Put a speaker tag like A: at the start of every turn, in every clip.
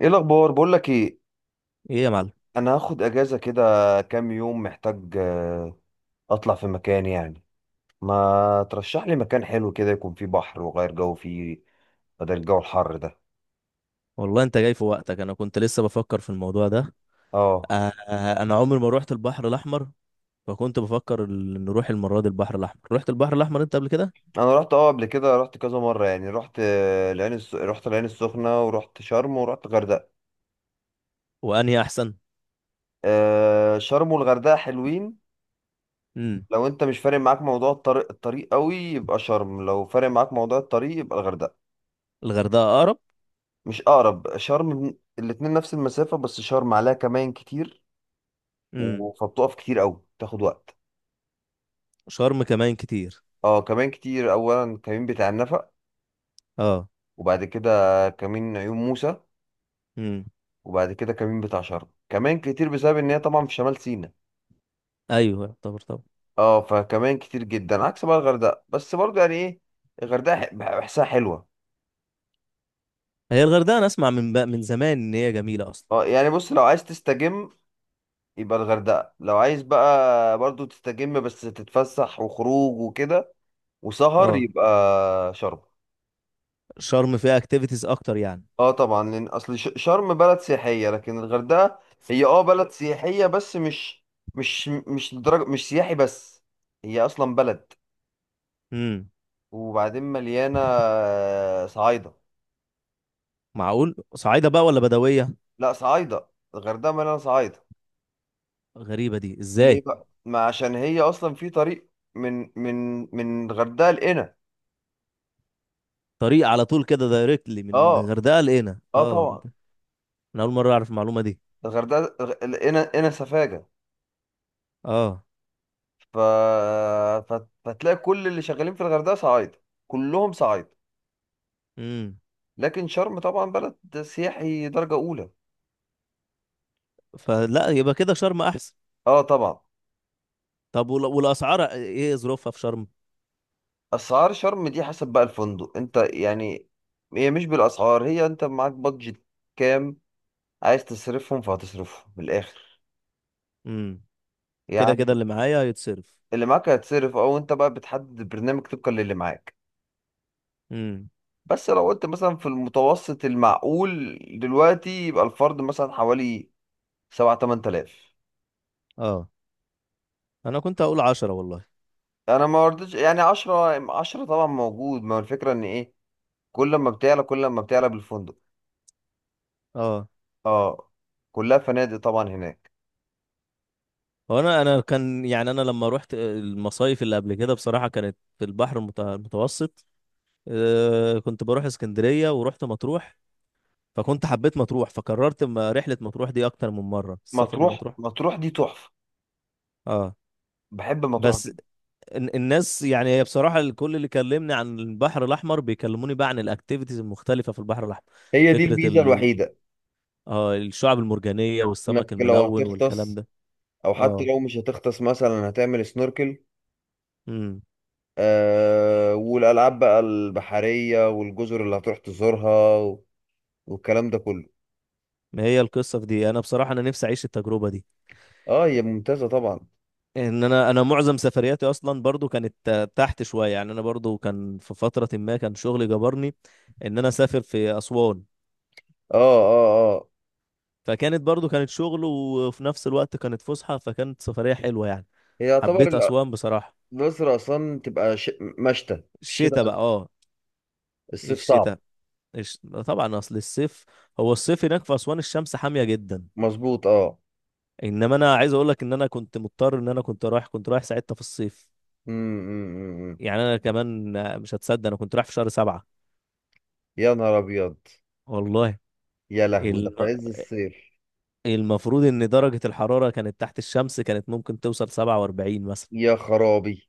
A: ايه الاخبار، بقول لك ايه؟
B: ايه يا معلم.
A: انا هاخد اجازه كده، كام يوم محتاج، اطلع في مكان يعني. ما ترشح لي مكان حلو كده يكون فيه بحر وغير جو فيه، بدل الجو الحر ده.
B: والله انت جاي في وقتك، انا كنت لسه بفكر في الموضوع ده.
A: اه.
B: انا عمري ما روحت البحر الاحمر، فكنت بفكر نروح المره دي البحر الاحمر. رحت البحر الاحمر انت قبل كده؟
A: انا رحت، قبل كده رحت كذا مره يعني، رحت رحت العين السخنه، ورحت شرم، ورحت غردقه.
B: وانهي احسن؟
A: شرم والغردقه حلوين.
B: امم.
A: لو انت مش فارق معاك موضوع الطريق قوي يبقى شرم، لو فارق معاك موضوع الطريق يبقى الغردقه.
B: الغردقه اقرب.
A: مش اقرب، الاتنين نفس المسافه، بس شرم عليها كمان كتير.
B: امم.
A: فبتقف كتير قوي، تاخد وقت.
B: شرم كمان كتير.
A: اه كمان كتير، اولا كمين بتاع النفق،
B: اه.
A: وبعد كده كمين عيون موسى،
B: امم.
A: وبعد كده كمين بتاع شرم كمان كتير، بسبب ان هي طبعا في شمال سيناء.
B: ايوه يعتبر طبعا.
A: اه فكمان كتير جدا، عكس بقى الغردقه. بس برضه يعني ايه، بحسها حلوه.
B: هي الغردقه انا اسمع من زمان ان هي جميله اصلا.
A: اه يعني بص، لو عايز تستجم يبقى الغردقه، لو عايز بقى برضه تستجم بس تتفسح وخروج وكده وسهر
B: اه،
A: يبقى شرم.
B: شرم فيها اكتيفيتيز اكتر يعني.
A: اه طبعا، لان اصل شرم بلد سياحيه، لكن الغردقه هي اه بلد سياحيه، بس مش لدرجه، مش سياحي بس، هي اصلا بلد.
B: امم.
A: وبعدين مليانه صعايده.
B: معقول صعيده بقى ولا بدويه؟
A: لا صعايده، الغردقه مليانه صعايده.
B: غريبه دي
A: ليه
B: ازاي؟
A: بقى؟ ما عشان هي اصلا في طريق، من من من الغردقه لقنا.
B: طريق على طول كده دايركتلي من
A: اه.
B: الغردقه لقينا،
A: اه
B: اه.
A: طبعا،
B: انا اول مره اعرف المعلومه دي.
A: الغردقه لقنا قنا سفاجه.
B: اه.
A: ف... فتلاقي كل اللي شغالين في الغردقه صعايده، كلهم صعايده.
B: امم.
A: لكن شرم طبعا بلد سياحي درجة أولى.
B: فلا يبقى كده شرم احسن.
A: اه طبعا.
B: طب والاسعار ايه ظروفها في شرم؟
A: أسعار شرم دي حسب بقى الفندق انت يعني، هي مش بالأسعار، هي انت معاك بادجت كام عايز تصرفهم، فهتصرفهم من الآخر
B: امم. كده كده
A: يعني.
B: اللي معايا هيتصرف.
A: اللي معاك هيتصرف، او انت بقى بتحدد البرنامج طبقا للي معاك.
B: امم.
A: بس لو قلت مثلا في المتوسط المعقول دلوقتي يبقى الفرد مثلا حوالي 7 8 آلاف.
B: اه، انا كنت هقول 10 والله.
A: انا ما رضيتش يعني، 10، 10 طبعا موجود، ما هو الفكرة ان ايه، كل ما بتعلى كل ما بتعلى بالفندق.
B: اه.
A: اه. كلها فنادق طبعا هناك.
B: هو انا كان يعني، انا لما رحت المصايف اللي قبل كده بصراحه، كانت في البحر المتوسط. آه، كنت بروح اسكندريه ورحت مطروح. فكنت حبيت مطروح، فكررت رحله مطروح دي اكتر من مره، السفر
A: مطروح،
B: لمطروح.
A: مطروح دي تحفة.
B: اه.
A: بحب مطروح
B: بس
A: جدا.
B: الناس يعني، هي بصراحة الكل اللي كلمني عن البحر الأحمر بيكلموني بقى عن الأكتيفيتيز المختلفة في البحر الأحمر.
A: هي دي
B: فكرة
A: الميزة
B: ال...
A: الوحيدة،
B: آه الشعب المرجانية
A: انك
B: والسمك
A: لو
B: الملون والكلام
A: هتغطس
B: ده.
A: او حتى
B: اه.
A: لو مش هتغطس مثلا هتعمل سنوركل.
B: امم.
A: آه والالعاب بقى البحرية، والجزر اللي هتروح تزورها، والكلام ده كله.
B: ما هي القصة في دي، أنا بصراحة أنا نفسي أعيش التجربة دي.
A: اه هي ممتازة طبعا.
B: إن أنا معظم سفرياتي أصلا برضو كانت تحت شوية يعني. أنا برضو كان في فترة ما كان شغلي جبرني إن أنا أسافر في أسوان.
A: اه اه اه.
B: فكانت برضو كانت شغل وفي نفس الوقت كانت فسحة، فكانت سفرية حلوة يعني.
A: هي يعتبر
B: حبيت أسوان بصراحة.
A: الأقصر أصلا تبقى مشتى في الشتاء
B: الشتاء بقى،
A: بس،
B: اه.
A: الصيف صعب.
B: الشتاء الش... طبعا اصل الصيف. هو الصيف هناك في اسوان الشمس حاميه جدا.
A: مظبوط اه.
B: انما انا عايز اقول لك ان انا كنت مضطر، ان انا كنت رايح ساعتها في الصيف.
A: أمم، أمم، أمم.
B: يعني انا كمان مش هتصدق، انا كنت رايح في شهر 7
A: يا نهار أبيض.
B: والله.
A: يا لهوي، ده في
B: الم...
A: عز الصيف.
B: المفروض ان درجه الحراره كانت تحت الشمس كانت ممكن توصل 47 مثلا.
A: يا خرابي.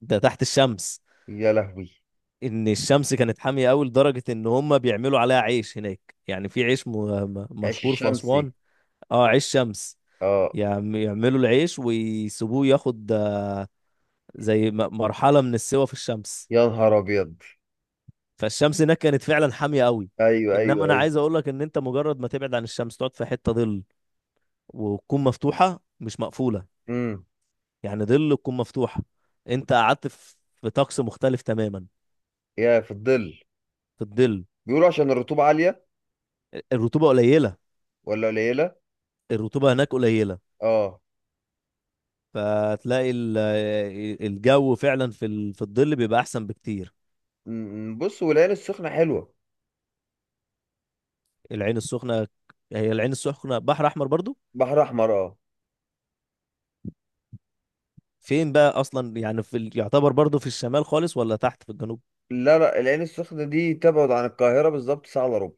B: ده تحت الشمس،
A: يا لهوي.
B: ان الشمس كانت حاميه قوي لدرجه ان هم بيعملوا عليها عيش هناك، يعني في عيش
A: عيش
B: مشهور في
A: الشمسي.
B: اسوان. اه، عيش شمس.
A: اه.
B: يعملوا العيش ويسيبوه ياخد زي مرحلة من السوا في الشمس.
A: يا نهار ابيض.
B: فالشمس هناك كانت فعلا حامية قوي.
A: ايوه ايوه
B: انما انا
A: ايوه.
B: عايز اقول لك ان انت مجرد ما تبعد عن الشمس، تقعد في حتة ظل وتكون مفتوحة مش مقفولة،
A: امم.
B: يعني ظل تكون مفتوحة، انت قعدت في طقس مختلف تماما.
A: يا، في الظل.
B: في الظل.
A: بيقولوا عشان الرطوبه عاليه
B: الرطوبة قليلة.
A: ولا قليله؟
B: الرطوبة هناك قليلة.
A: اه.
B: فتلاقي الجو فعلا في الظل بيبقى احسن بكتير.
A: أمم، بص، والعين السخنه حلوه.
B: العين السخنة. هي العين السخنة بحر احمر برضو.
A: بحر احمر اه.
B: فين بقى اصلا يعني، يعتبر برضه في الشمال خالص ولا تحت في الجنوب؟
A: لا لا، العين السخنه دي تبعد عن القاهره بالظبط ساعه الا ربع.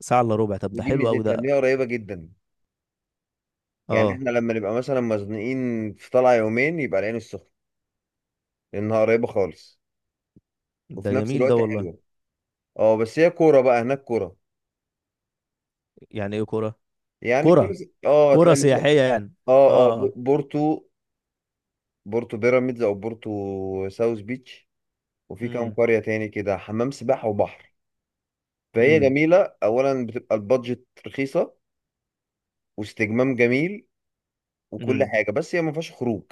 B: ساعة الا ربع؟ طب ده
A: ودي
B: حلو قوي
A: ميزتها ان
B: ده.
A: هي قريبه جدا، يعني
B: اه.
A: احنا لما نبقى مثلا مزنوقين في طلعه يومين يبقى العين السخنه، لانها قريبه خالص
B: ده
A: وفي نفس
B: جميل ده
A: الوقت حلوه.
B: والله.
A: اه بس هي كوره بقى، هناك كوره.
B: يعني ايه كرة؟
A: يعني
B: كرة.
A: كويس اه،
B: كرة
A: تلاقي مثلا،
B: سياحية يعني؟
A: اه اه
B: اه، اه.
A: بورتو، بورتو بيراميدز، او بورتو ساوث بيتش، وفي كام
B: امم.
A: قرية تاني كده، حمام سباحة وبحر. فهي
B: امم.
A: جميلة، اولا بتبقى البادجت رخيصة، واستجمام جميل وكل
B: امم.
A: حاجة، بس هي ما فيهاش خروج.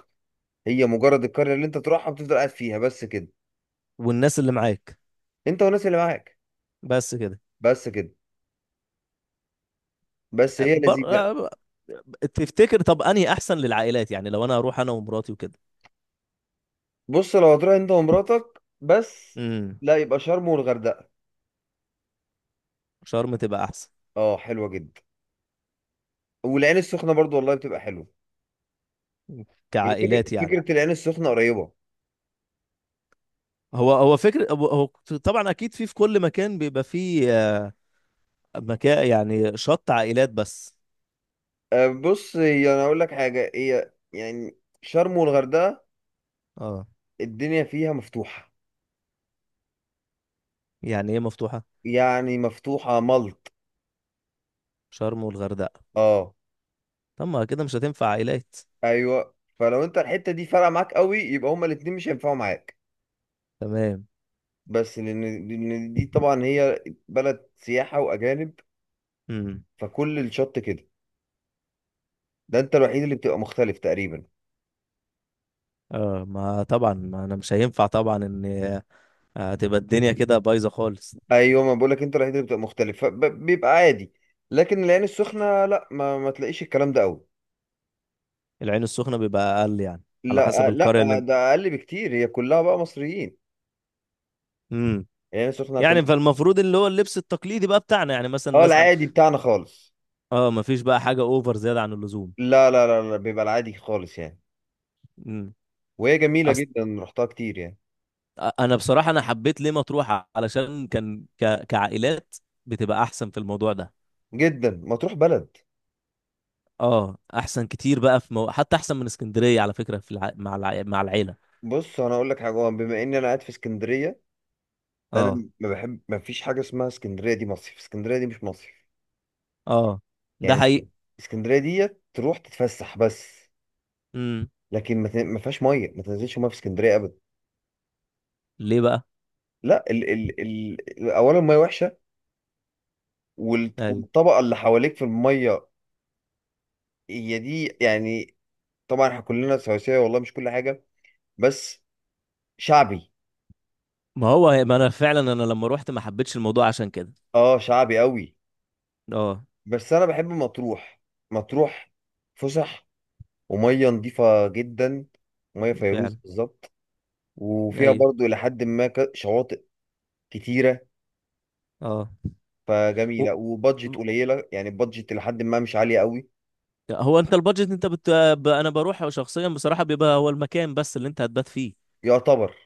A: هي مجرد القرية اللي انت تروحها بتفضل قاعد فيها بس كده،
B: والناس اللي معاك.
A: انت والناس اللي معاك،
B: بس كده.
A: بس كده. بس هي
B: بر...
A: لذيذة.
B: آه، تفتكر طب انهي احسن للعائلات؟ يعني لو انا هروح انا ومراتي وكده.
A: بص لو هتروح انت ومراتك بس،
B: امم.
A: لا يبقى شرم والغردقة،
B: شرم تبقى احسن.
A: اه حلوة جدا. والعين السخنة برضو والله بتبقى حلوة، هي فكرة
B: كعائلات يعني.
A: فكرة العين السخنة قريبة.
B: هو هو فكر هو هو. طبعا اكيد في كل مكان بيبقى فيه مكان يعني شط عائلات بس.
A: أه، بص، هي أنا أقول لك حاجة، هي يعني شرم والغردقة
B: اه.
A: الدنيا فيها مفتوحة.
B: يعني ايه مفتوحة؟
A: يعني مفتوحة ملط.
B: شرم والغردقة؟
A: أه.
B: طب ما كده مش هتنفع عائلات.
A: أيوه، فلو أنت الحتة دي فارقة معاك قوي يبقى هما الاتنين مش هينفعوا معاك.
B: تمام.
A: بس لأن دي طبعا هي بلد سياحة وأجانب،
B: امم.
A: فكل الشط كده، ده أنت الوحيد اللي بتبقى مختلف تقريبا.
B: اه، ما طبعا ما انا مش هينفع طبعا، ان هتبقى الدنيا كده بايظة خالص.
A: أيوه، ما بقولك أنت الوحيد اللي بتبقى مختلف، فبيبقى عادي. لكن العين السخنة لا، ما تلاقيش الكلام ده قوي.
B: العين السخنة بيبقى اقل يعني؟ على
A: لا
B: حسب
A: لا
B: القرية اللي انت.
A: ده اقل بكتير، هي كلها بقى مصريين.
B: امم.
A: يعني سخنة
B: يعني
A: كلها.
B: فالمفروض اللي هو اللبس التقليدي بقى بتاعنا، يعني مثلا
A: اه
B: الناس.
A: العادي بتاعنا خالص.
B: اه، ما فيش بقى حاجة اوفر زيادة عن اللزوم.
A: لا لا لا لا، بيبقى العادي خالص يعني.
B: امم.
A: وهي جميلة
B: أص...
A: جدا، رحتها كتير يعني.
B: انا بصراحة انا حبيت ليه مطروح علشان كان كعائلات بتبقى احسن في الموضوع ده.
A: جدا مطروح بلد.
B: اه، احسن كتير بقى في حتى احسن من اسكندريه على فكره، في الع... مع الع... مع العيله.
A: بص انا اقول لك حاجة، هو بما اني انا قاعد في اسكندرية،
B: اه.
A: انا ما بحب، ما فيش حاجة اسمها اسكندرية دي مصيف، اسكندرية دي مش مصيف
B: اه، ده
A: يعني.
B: حقيقي.
A: اسكندرية دي تروح تتفسح بس.
B: امم.
A: لكن ما فيهاش مية، ما تنزلش مية في اسكندرية ابدا.
B: ليه بقى؟
A: لا، ال ال ال اولا المية وحشة،
B: ايوه،
A: والطبقة اللي حواليك في المية، هي دي يعني، طبعا احنا كلنا سواسية والله، مش كل حاجة، بس شعبي.
B: ما هو ما انا فعلا انا لما روحت ما حبيتش الموضوع عشان كده.
A: اه شعبي قوي.
B: اه.
A: بس انا بحب مطروح، مطروح فسح، ومية نظيفة جدا، مية فيروز
B: فعلا.
A: بالظبط. وفيها
B: ايوه.
A: برضو إلى حد ما، شواطئ كتيرة،
B: اه، و...
A: فجميلة، وبادجت قليلة يعني، البادجت إلى حد ما مش عالية قوي.
B: هو انت البادجت، انت انا بروح شخصيا بصراحه، بيبقى هو المكان بس اللي انت هتبات فيه،
A: يعتبر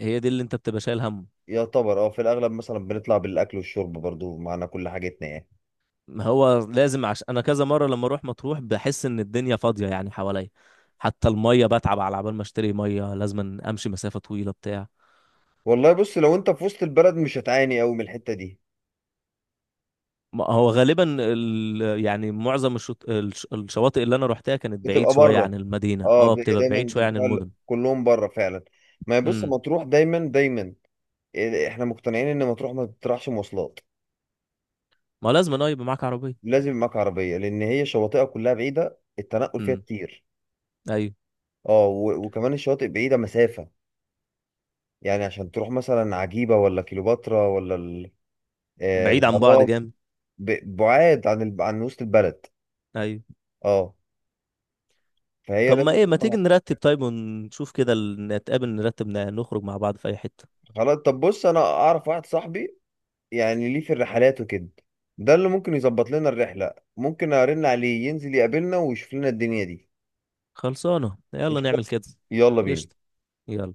B: هي دي اللي انت بتبقى شايل هم.
A: يعتبر اه في الأغلب مثلا بنطلع بالأكل والشرب برضو معنا كل حاجتنا يعني.
B: ما هو لازم، عشان انا كذا مره لما اروح مطروح بحس ان الدنيا فاضيه يعني حواليا، حتى الميه بتعب، على عبال ما اشتري ميه لازم امشي مسافه طويله بتاع.
A: والله بص، لو انت في وسط البلد مش هتعاني قوي من الحتة دي.
B: ما هو غالبا يعني معظم الشواطئ اللي انا روحتها كانت بعيد
A: بتبقى
B: شويه عن
A: بره،
B: المدينه،
A: اه
B: اه
A: بتبقى
B: بتبقى
A: دايما
B: بعيد
A: انت،
B: شويه عن
A: بتبقى
B: المدن.
A: كلهم بره فعلا. ما هي بص،
B: امم.
A: مطروح دايما دايما، احنا مقتنعين ان مطروح ما بتطرحش مواصلات.
B: ما لازم انا يبقى معاك عربيه.
A: لازم يبقى معاك عربيه، لان هي شواطئها كلها بعيده، التنقل فيها
B: امم.
A: كتير.
B: ايوه.
A: اه وكمان الشواطئ بعيده مسافه، يعني عشان تروح مثلا عجيبه ولا كيلوباترا ولا
B: بعيد عن بعض
A: الغرام.
B: جامد.
A: بعاد عن عن وسط البلد.
B: ايوه.
A: اه فهي
B: طب ما
A: لازم.
B: ايه، ما تيجي نرتب طيب ونشوف كده، نتقابل نرتب، نخرج مع بعض في اي حته.
A: خلاص طب بص، انا اعرف واحد صاحبي يعني ليه في الرحلات وكده، ده اللي ممكن يظبط لنا الرحلة، ممكن ارن عليه ينزل يقابلنا ويشوف لنا الدنيا دي.
B: خلصانه، يلا
A: قشطة.
B: نعمل كده.
A: يلا بينا.
B: قشطه. يلا.